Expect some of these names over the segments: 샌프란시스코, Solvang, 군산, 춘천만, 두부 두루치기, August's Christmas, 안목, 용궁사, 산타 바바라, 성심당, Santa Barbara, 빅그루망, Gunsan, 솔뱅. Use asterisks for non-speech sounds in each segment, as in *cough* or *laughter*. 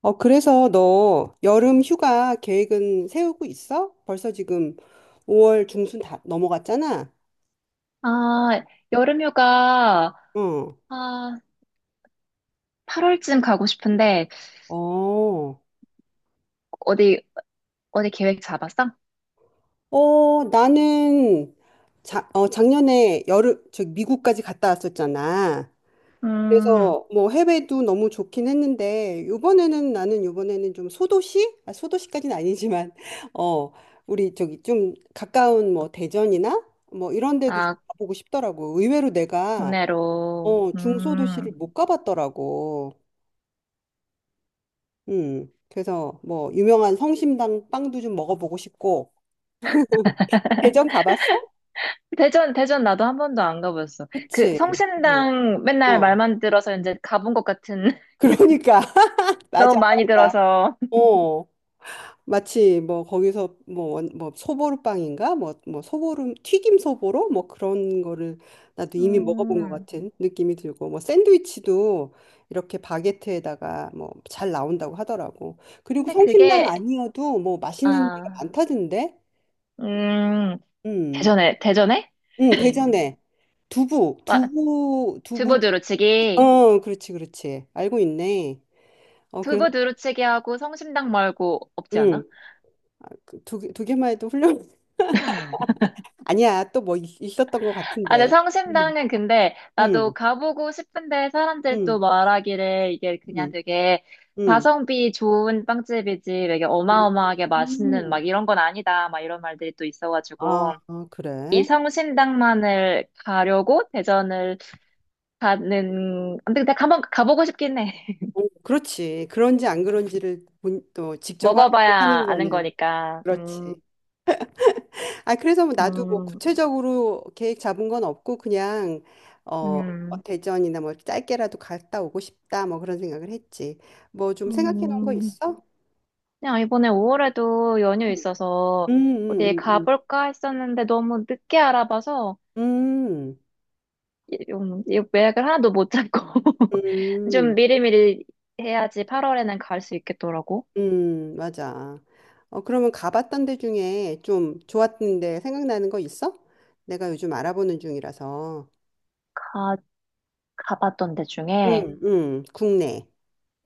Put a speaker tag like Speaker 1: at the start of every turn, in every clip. Speaker 1: 그래서 너 여름 휴가 계획은 세우고 있어? 벌써 지금 5월 중순 다 넘어갔잖아?
Speaker 2: 아, 여름휴가,
Speaker 1: 응.
Speaker 2: 아, 8월쯤 가고 싶은데,
Speaker 1: 어,
Speaker 2: 어디, 어디 계획 잡았어?
Speaker 1: 나는 작년에 여름, 저 미국까지 갔다 왔었잖아.
Speaker 2: 음,
Speaker 1: 그래서 뭐 해외도 너무 좋긴 했는데, 요번에는 나는 요번에는 좀 소도시? 아, 소도시까지는 아니지만, *laughs* 어, 우리 저기 좀 가까운 뭐 대전이나 뭐 이런 데도 좀
Speaker 2: 아,
Speaker 1: 가보고 싶더라고. 의외로 내가
Speaker 2: 국내로,
Speaker 1: 중소도시를 못 가봤더라고. 그래서 뭐 유명한 성심당 빵도 좀 먹어보고 싶고. 대전
Speaker 2: *laughs*
Speaker 1: 가봤어?
Speaker 2: 대전 나도 한 번도 안 가봤어. 그
Speaker 1: 그치. 어,
Speaker 2: 성심당 맨날
Speaker 1: 어.
Speaker 2: 말만 들어서 이제 가본 것 같은, *laughs*
Speaker 1: 그러니까 *laughs*
Speaker 2: 너무
Speaker 1: 맞아,
Speaker 2: 많이
Speaker 1: 맞아.
Speaker 2: 들어서.
Speaker 1: 어, 마치 뭐 거기서 뭐, 뭐 소보루빵인가? 뭐 소보루 튀김 소보로 뭐 그런 거를 나도 이미 먹어본 것
Speaker 2: 음,
Speaker 1: 같은 느낌이 들고 뭐 샌드위치도 이렇게 바게트에다가 뭐 잘 나온다고 하더라고. 그리고
Speaker 2: 근데
Speaker 1: 성심당
Speaker 2: 그게,
Speaker 1: 아니어도 뭐 맛있는 데가
Speaker 2: 아,
Speaker 1: 많다던데?
Speaker 2: 음,
Speaker 1: 음,
Speaker 2: 대전에? *laughs*
Speaker 1: 대전에 두부,
Speaker 2: 와,
Speaker 1: 두부, 두부,
Speaker 2: 두부 두루치기.
Speaker 1: 어, 그렇지, 그렇지. 알고 있네. 어, 그래서,
Speaker 2: 두부 두루치기하고 성심당 말고 없지
Speaker 1: 음,
Speaker 2: 않아?
Speaker 1: 아, 그 두 개만 해도 훌륭, *laughs* 아니야, 또 뭐 있었던 것
Speaker 2: 아, 네,
Speaker 1: 같은데. 음,
Speaker 2: 성심당은 근데 나도
Speaker 1: 음,
Speaker 2: 가보고 싶은데 사람들도
Speaker 1: 음,
Speaker 2: 말하기를 이게 그냥
Speaker 1: 음,
Speaker 2: 되게
Speaker 1: 음.
Speaker 2: 가성비 좋은 빵집이지 되게 어마어마하게 맛있는
Speaker 1: 음.
Speaker 2: 막 이런 건 아니다 막 이런 말들이 또
Speaker 1: 아,
Speaker 2: 있어가지고
Speaker 1: 아,
Speaker 2: 이
Speaker 1: 그래.
Speaker 2: 성심당만을 가려고 대전을 가는 근데 한번 가보고 싶긴 해. *laughs*
Speaker 1: 어, 그렇지. 그런지 안 그런지를 또 직접
Speaker 2: 먹어봐야
Speaker 1: 확인하는
Speaker 2: 아는
Speaker 1: 거는,
Speaker 2: 거니까.
Speaker 1: 그렇지. 아, 그래서 뭐 나도 뭐
Speaker 2: 음,
Speaker 1: 구체적으로 계획 잡은 건 없고 그냥 어, 뭐
Speaker 2: 음.
Speaker 1: 대전이나 뭐 짧게라도 갔다 오고 싶다 뭐 그런 생각을 했지. 뭐 좀 생각해 놓은 거
Speaker 2: 음.
Speaker 1: 있어?
Speaker 2: 그냥 이번에 5월에도 연휴
Speaker 1: 음, 음,
Speaker 2: 있어서 어디
Speaker 1: 음, 음,
Speaker 2: 가볼까 했었는데 너무 늦게 알아봐서
Speaker 1: 음,
Speaker 2: 이 예약을 하나도 못 잡고 *laughs* 좀
Speaker 1: 음,
Speaker 2: 미리미리 해야지 8월에는 갈 수 있겠더라고.
Speaker 1: 맞아. 어, 그러면 가봤던 데 중에 좀 좋았던 데 생각나는 거 있어? 내가 요즘 알아보는 중이라서.
Speaker 2: 가, 가봤던 데 중에
Speaker 1: 응, 응, 국내.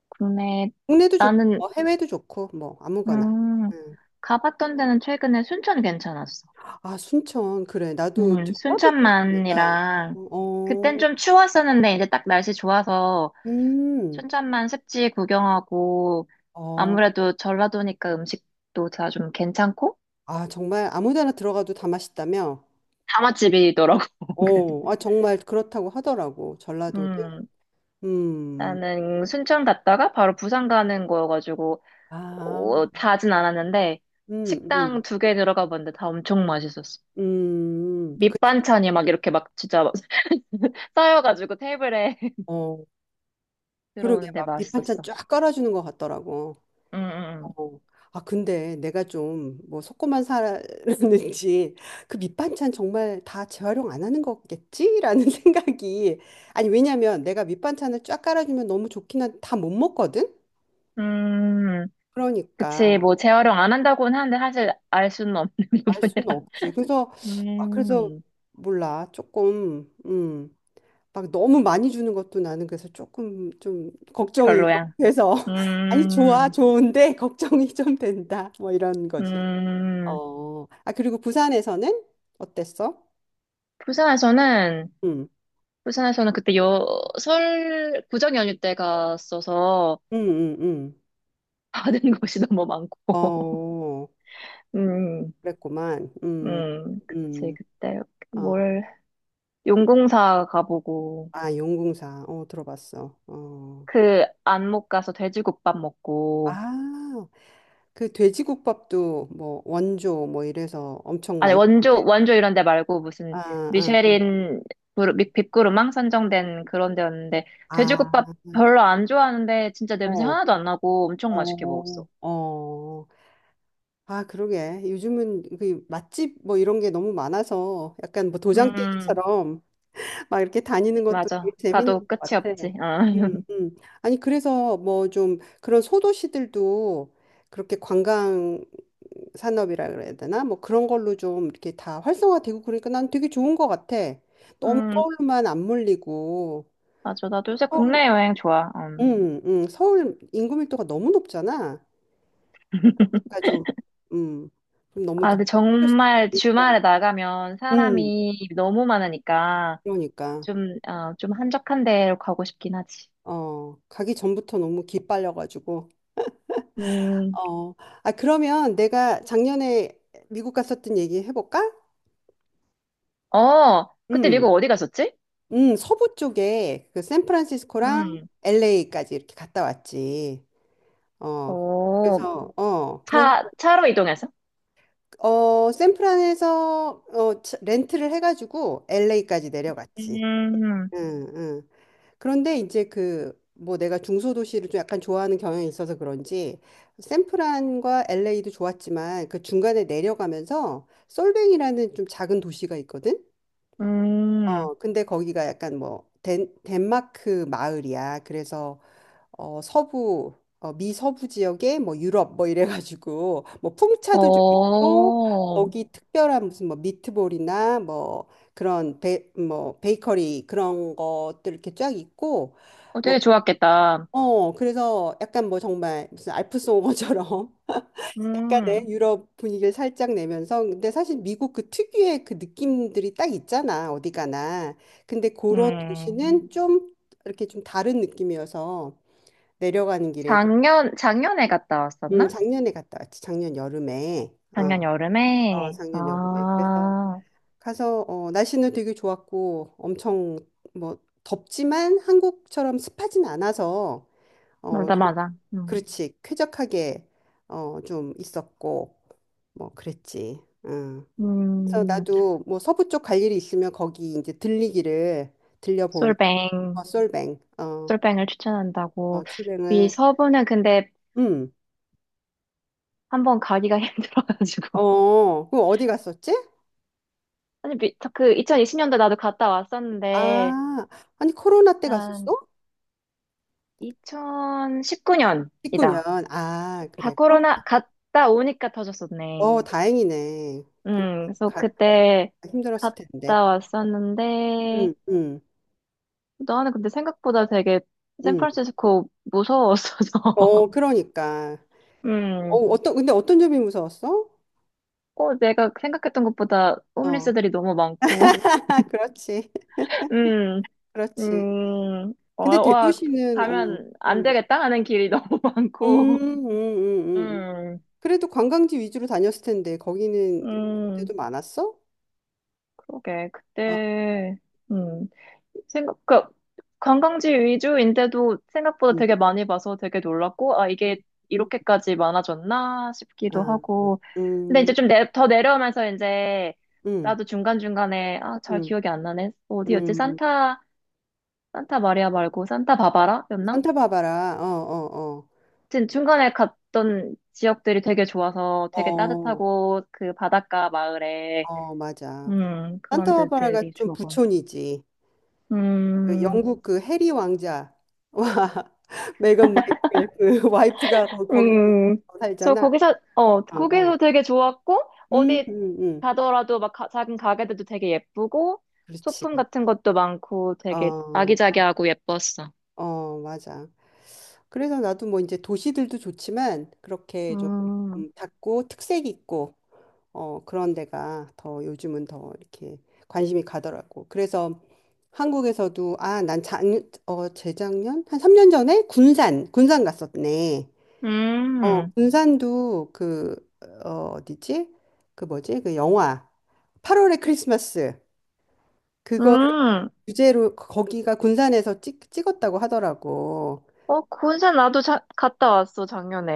Speaker 2: 국내
Speaker 1: 국내도 좋고,
Speaker 2: 나는
Speaker 1: 뭐 해외도 좋고, 뭐 아무거나.
Speaker 2: 음,
Speaker 1: 음.
Speaker 2: 가봤던 데는 최근에 순천 괜찮았어.
Speaker 1: 아, 순천. 그래. 나도 전라도 출신이니까.
Speaker 2: 순천만이랑
Speaker 1: 어,
Speaker 2: 그땐
Speaker 1: 어,
Speaker 2: 좀 추웠었는데 이제 딱 날씨 좋아서
Speaker 1: 음.
Speaker 2: 춘천만 습지 구경하고
Speaker 1: 어,
Speaker 2: 아무래도 전라도니까 음식도 다 좀 괜찮고
Speaker 1: 아, 정말 아무 데나 들어가도 다 맛있다며?
Speaker 2: 다맛집이더라고.
Speaker 1: 어, 아,
Speaker 2: *laughs*
Speaker 1: 정말 그렇다고 하더라고. 전라도는.
Speaker 2: 음,
Speaker 1: 음.
Speaker 2: 나는 순천 갔다가 바로 부산 가는 거여가지고 어,
Speaker 1: 아,
Speaker 2: 자진 않았는데
Speaker 1: 음,
Speaker 2: 식당
Speaker 1: 음,
Speaker 2: 두 개 들어가 봤는데 다 엄청 맛있었어.
Speaker 1: 그냥,
Speaker 2: 밑반찬이 막 이렇게 막 진짜 막 *laughs* 쌓여가지고 테이블에 *laughs*
Speaker 1: 어, 그러게.
Speaker 2: 들어오는데
Speaker 1: 막 밑반찬
Speaker 2: 맛있었어.
Speaker 1: 쫙 깔아주는 것 같더라고.
Speaker 2: 음, 음,
Speaker 1: 어. 아, 근데 내가 좀 뭐 속고만 살았는지 *laughs* 그 밑반찬 정말 다 재활용 안 하는 거겠지라는 *laughs* 생각이 아니 왜냐면 내가 밑반찬을 쫙 깔아주면 너무 좋긴 한데 다 못 먹거든?
Speaker 2: 음. 음, 그치.
Speaker 1: 그러니까
Speaker 2: 뭐 재활용 안 한다고는 하는데 사실 알 수는 없는
Speaker 1: 알 수는
Speaker 2: *laughs* 부분이라.
Speaker 1: 없지. 그래서 아 그래서
Speaker 2: 음.
Speaker 1: 몰라 조금 막 너무 많이 주는 것도 나는 그래서 조금 좀 걱정이 좀
Speaker 2: 별로야.
Speaker 1: 돼서 *laughs* 아니 좋아
Speaker 2: 음,
Speaker 1: 좋은데 *laughs* 걱정이 좀 된다 뭐 이런 거지.
Speaker 2: 음,
Speaker 1: 어, 아, 그리고 부산에서는 어땠어?
Speaker 2: 부산에서는,
Speaker 1: 음,
Speaker 2: 부산에서는 그때 설, 구정 연휴 때 갔어서
Speaker 1: 음, 음, 음.
Speaker 2: 받은 *laughs* 것이 너무 많고. *laughs*
Speaker 1: 어,
Speaker 2: 음,
Speaker 1: 그랬구만.
Speaker 2: 그치.
Speaker 1: 음.
Speaker 2: 그때
Speaker 1: 어,
Speaker 2: 뭘, 용궁사 가보고,
Speaker 1: 아, 용궁사. 어, 들어봤어. 어.
Speaker 2: 그 안목 가서 돼지국밥 먹고,
Speaker 1: 아, 그 돼지국밥도 뭐 원조 뭐 이래서 엄청
Speaker 2: 아니 원조
Speaker 1: 많던데.
Speaker 2: 원조 이런 데 말고 무슨
Speaker 1: 아, 아,
Speaker 2: 미쉐린 빅그루망 선정된 그런 데였는데
Speaker 1: 아,
Speaker 2: 돼지국밥
Speaker 1: 아,
Speaker 2: 별로 안 좋아하는데 진짜 냄새
Speaker 1: 어,
Speaker 2: 하나도 안 나고 엄청 맛있게 먹었어.
Speaker 1: 어, 어. 아, 그러게. 요즘은 그 맛집 뭐 이런 게 너무 많아서 약간 뭐 도장
Speaker 2: 음,
Speaker 1: 깨기처럼 막 이렇게 다니는 것도
Speaker 2: 맞아.
Speaker 1: 되게 재밌는
Speaker 2: 가도
Speaker 1: 것
Speaker 2: 끝이
Speaker 1: 같아.
Speaker 2: 없지. 응.
Speaker 1: 음,
Speaker 2: *laughs*
Speaker 1: 음. 아니, 그래서 뭐 좀 그런 소도시들도 그렇게 관광 산업이라 그래야 되나? 뭐 그런 걸로 좀 이렇게 다 활성화되고 그러니까 난 되게 좋은 것 같아. 너무
Speaker 2: 음,
Speaker 1: 서울만 안 몰리고
Speaker 2: 맞아. 나도 요새
Speaker 1: 서울,
Speaker 2: 국내 여행 좋아. 음.
Speaker 1: 서울 인구 밀도가 너무 높잖아. 그러니까 좀, 음, 좀 너무
Speaker 2: 아,
Speaker 1: 더
Speaker 2: 근데
Speaker 1: 스트레스
Speaker 2: 정말
Speaker 1: 받고 있어요.
Speaker 2: 주말에 나가면
Speaker 1: 음,
Speaker 2: 사람이 너무 많으니까
Speaker 1: 그러니까
Speaker 2: 좀 한적한 데로 가고 싶긴 하지.
Speaker 1: 어 가기 전부터 너무 기빨려가지고.
Speaker 2: 음,
Speaker 1: 어, 아, 그러면 내가 작년에 미국 갔었던 얘기 해볼까?
Speaker 2: 어, 그때
Speaker 1: 음,
Speaker 2: 미국 어디 갔었지?
Speaker 1: 서부 쪽에 그 샌프란시스코랑
Speaker 2: 음.
Speaker 1: LA까지 이렇게 갔다 왔지. 어,
Speaker 2: 오,
Speaker 1: 그래서,
Speaker 2: 차로 이동해서?
Speaker 1: 어, 샌프란에서 어, 렌트를 해가지고 LA까지 내려갔지.
Speaker 2: 음,
Speaker 1: 응, 응. 그런데 이제 그 뭐 내가 중소도시를 좀 약간 좋아하는 경향이 있어서 그런지 샌프란과 LA도 좋았지만 그 중간에 내려가면서 솔뱅이라는 좀 작은 도시가 있거든.
Speaker 2: 음,
Speaker 1: 어, 근데 거기가 약간 뭐 덴마크 마을이야. 그래서 어, 서부 어, 미 서부 지역에 뭐 유럽 뭐 이래가지고 뭐 풍차도 좀 있고
Speaker 2: 오,
Speaker 1: 거기 특별한 무슨 뭐 미트볼이나 뭐 그런 뭐 베이커리 그런 것들 이렇게 쫙 있고.
Speaker 2: 어,
Speaker 1: 뭐
Speaker 2: 되게 좋았겠다.
Speaker 1: 어, 그래서 약간 뭐 정말 무슨 알프오머처럼 *laughs* 약간의
Speaker 2: 음,
Speaker 1: 유럽 분위기를 살짝 내면서 근데 사실 미국 그 특유의 그 느낌들이 딱 있잖아, 어디 가나. 근데 그런
Speaker 2: 음.
Speaker 1: 도시는 좀 이렇게 좀 다른 느낌이어서 내려가는 길에 되게-
Speaker 2: 작년에 갔다 왔었나?
Speaker 1: 작년에 갔다 왔지. 작년 여름에. 어,
Speaker 2: 작년
Speaker 1: 어,
Speaker 2: 여름에, 아,
Speaker 1: 작년 여름에. 그래서 가서 어, 날씨는 되게 좋았고 엄청 뭐 덥지만 한국처럼 습하진 않아서 어,
Speaker 2: 맞아,
Speaker 1: 좀-
Speaker 2: 맞아. 음.
Speaker 1: 그렇지. 쾌적하게 어, 좀 있었고 뭐 그랬지. 응. 그래서
Speaker 2: 음,
Speaker 1: 나도 뭐 서부 쪽 갈 일이 있으면 거기 이제 들리기를 들려보고 어,
Speaker 2: 솔뱅,
Speaker 1: 솔뱅 어,
Speaker 2: 솔뱅을
Speaker 1: 어
Speaker 2: 추천한다고. 미
Speaker 1: 출뱅을
Speaker 2: 서부는 근데
Speaker 1: 음.
Speaker 2: 한번 가기가 *laughs* 힘들어가지고.
Speaker 1: 어, 그럼 어디 갔었지?
Speaker 2: 아니, 저 그 2020년도 나도 갔다 왔었는데,
Speaker 1: 아, 아니 코로나 때
Speaker 2: 한
Speaker 1: 갔었어? 19년.
Speaker 2: 2019년이다.
Speaker 1: 아,
Speaker 2: 다
Speaker 1: 그래. 코로-
Speaker 2: 코로나 갔다 오니까 터졌었네.
Speaker 1: 어, 다행이네. 그럼
Speaker 2: 그래서
Speaker 1: 가
Speaker 2: 그때
Speaker 1: 힘들었을 텐데.
Speaker 2: 갔다
Speaker 1: 음,
Speaker 2: 왔었는데,
Speaker 1: 음,
Speaker 2: 나는 근데 생각보다 되게
Speaker 1: 음.
Speaker 2: 샌프란시스코 무서웠어서. *laughs*
Speaker 1: 어, 그러니까. 어,
Speaker 2: 음,
Speaker 1: 어떤 근데 어떤 점이 무서웠어?
Speaker 2: 어, 내가 생각했던 것보다
Speaker 1: 어.
Speaker 2: 홈리스들이 너무 많고.
Speaker 1: *laughs* 그렇지.
Speaker 2: *laughs* 음,
Speaker 1: 그렇지.
Speaker 2: 어,
Speaker 1: 근데
Speaker 2: 와,
Speaker 1: 대도시는 어.
Speaker 2: 가면 안
Speaker 1: 음.
Speaker 2: 되겠다 하는 길이 *laughs* 너무
Speaker 1: 음,
Speaker 2: 많고.
Speaker 1: 음, 음, 음.
Speaker 2: 음,
Speaker 1: 그래도 관광지 위주로 다녔을 텐데 거기는
Speaker 2: 음,
Speaker 1: 그때도 많았어?
Speaker 2: 그러게.
Speaker 1: 아,
Speaker 2: 그때, 음. 생각, 그, 관광지 위주인데도 생각보다
Speaker 1: 음.
Speaker 2: 되게 많이 봐서 되게 놀랐고, 아,
Speaker 1: 음,
Speaker 2: 이게
Speaker 1: 음.
Speaker 2: 이렇게까지 많아졌나 싶기도
Speaker 1: 아.
Speaker 2: 하고. 근데
Speaker 1: 음.
Speaker 2: 이제 좀 더 내려오면서 이제,
Speaker 1: 음.
Speaker 2: 나도 중간중간에, 아, 잘
Speaker 1: 음.
Speaker 2: 기억이 안 나네. 어디였지?
Speaker 1: 음.
Speaker 2: 산타 마리아 말고 산타 바바라? 였나? 하
Speaker 1: 산타바바라. 어, 어,
Speaker 2: 튼 중간에 갔던 지역들이 되게 좋아서
Speaker 1: 어.
Speaker 2: 되게
Speaker 1: 어.
Speaker 2: 따뜻하고, 그 바닷가 마을에,
Speaker 1: 어, 맞아.
Speaker 2: 그런
Speaker 1: 산타바바라가
Speaker 2: 데들이
Speaker 1: 좀
Speaker 2: 좋아서.
Speaker 1: 부촌이지. 그
Speaker 2: 음,
Speaker 1: 영국 그 해리 왕자. 와. *laughs* 메건 마이클 그 와이프가 거기
Speaker 2: 음, 저
Speaker 1: 살잖아.
Speaker 2: 거기서, 어,
Speaker 1: 어,
Speaker 2: 거기서
Speaker 1: 어.
Speaker 2: 되게 좋았고,
Speaker 1: 음,
Speaker 2: 어디
Speaker 1: 음, 음.
Speaker 2: 가더라도 막 작은 가게들도 되게 예쁘고,
Speaker 1: 그렇지.
Speaker 2: 소품 같은 것도 많고, 되게
Speaker 1: 어,
Speaker 2: 아기자기하고 예뻤어.
Speaker 1: 어, 맞아. 그래서 나도 뭐 이제 도시들도 좋지만 그렇게 좀
Speaker 2: 음,
Speaker 1: 작고 특색 있고 어, 그런 데가 더 요즘은 더 이렇게 관심이 가더라고. 그래서 한국에서도 아, 어, 재작년 한 3년 전에 군산 갔었네. 어,
Speaker 2: 음,
Speaker 1: 군산도 그 어, 어디지? 그 뭐지? 그 영화 8월의 크리스마스
Speaker 2: 음.
Speaker 1: 주제로 기가 군산에서 찍었다고 하더라고.
Speaker 2: 어, 군산 나도 갔다 왔어,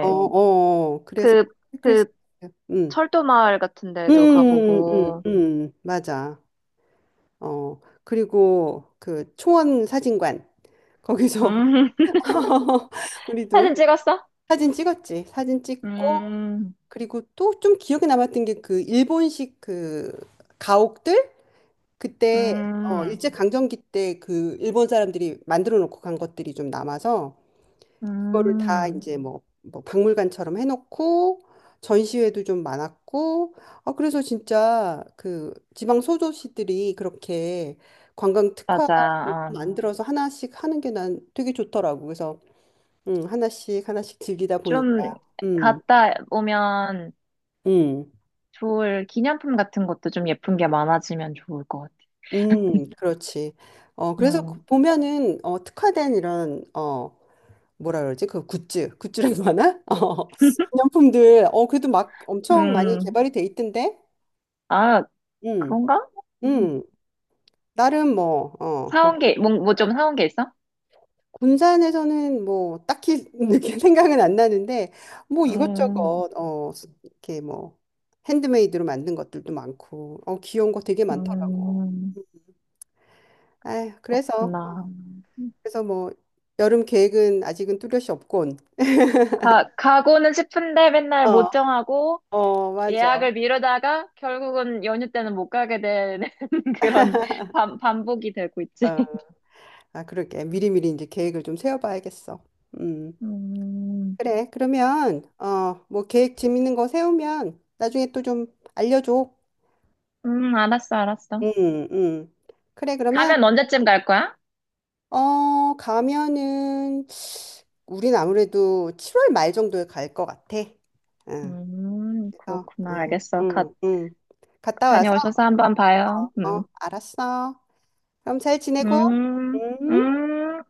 Speaker 1: 어, 어. 어. 그래서
Speaker 2: 그, 그
Speaker 1: 클래식 음.
Speaker 2: 철도 마을 같은 데도
Speaker 1: 응
Speaker 2: 가보고.
Speaker 1: 맞아. 어. 그리고 그 초원 사진관 거기서
Speaker 2: 음, *laughs*
Speaker 1: *laughs* 우리도
Speaker 2: 사진 찍었어?
Speaker 1: 사진 찍었지. 사진 찍고
Speaker 2: 음,
Speaker 1: 그리고 또 좀 기억에 남았던 게 그 일본식 그 가옥들 그때 어
Speaker 2: 음,
Speaker 1: 일제 강점기 때 그 일본 사람들이 만들어 놓고 간 것들이 좀 남아서 그거를 다
Speaker 2: 음.
Speaker 1: 이제 뭐 박물관처럼 해놓고 전시회도 좀 많았고 아 그래서 진짜 그 지방 소도시들이 그렇게 관광 특화를 좀
Speaker 2: 맞아.
Speaker 1: 만들어서 하나씩 하는 게 난 되게 좋더라고 그래서 하나씩 하나씩 즐기다 보니까
Speaker 2: 좀
Speaker 1: 음
Speaker 2: 갔다 오면
Speaker 1: 음,
Speaker 2: 좋을 기념품 같은 것도 좀 예쁜 게 많아지면 좋을 것 같아.
Speaker 1: 그렇지. 어, 그래서 그
Speaker 2: 음,
Speaker 1: 보면은, 어, 특화된 이런, 어, 뭐라 그러지? 그 굿즈, 굿즈라고 하나? *laughs* 어, 기념품들, 어, 그래도 막 엄청 많이
Speaker 2: 음,
Speaker 1: 개발이 돼 있던데?
Speaker 2: 아,
Speaker 1: 음.
Speaker 2: 그런가? 음,
Speaker 1: 음, 나름 뭐, 어, 거-
Speaker 2: 사온 게, 뭐 좀 사온 게 있어?
Speaker 1: 군산에서는 뭐, 딱히 *laughs* 이렇게 생각은 안 나는데, 뭐
Speaker 2: 음,
Speaker 1: 이것저것, 어, 이렇게 뭐, 핸드메이드로 만든 것들도 많고, 어, 귀여운 거 되게 많더라고.
Speaker 2: 음,
Speaker 1: 아휴, 그래서, 어,
Speaker 2: 그렇구나.
Speaker 1: 그래서 뭐, 여름 계획은 아직은 뚜렷이 없군.
Speaker 2: 가고는 싶은데 맨날
Speaker 1: 어,
Speaker 2: 못 정하고
Speaker 1: 어, 맞아.
Speaker 2: 예약을 미루다가 결국은 연휴 때는 못 가게 되는 *laughs* 그런 반복이 되고 있지.
Speaker 1: 어. 아, 그러게. 미리미리 이제 계획을 좀 세워봐야겠어. 음,
Speaker 2: 음,
Speaker 1: 그래. 그러면, 어, 뭐, 계획 재밌는 거 세우면 나중에 또 좀 알려줘.
Speaker 2: 알았어, 알았어.
Speaker 1: 응 응 그래, 그러면,
Speaker 2: 가면 언제쯤 갈 거야?
Speaker 1: 어, 가면은, 우린 아무래도 7월 말 정도에 갈 것 같아. 응, 그래서,
Speaker 2: 그렇구나.
Speaker 1: 응,
Speaker 2: 알겠어. 갓
Speaker 1: 응, 응. 갔다 와서,
Speaker 2: 다녀오셔서 한번 봐요.
Speaker 1: 어, 알았어. 그럼 잘 지내고,
Speaker 2: 음,
Speaker 1: 음.
Speaker 2: 음.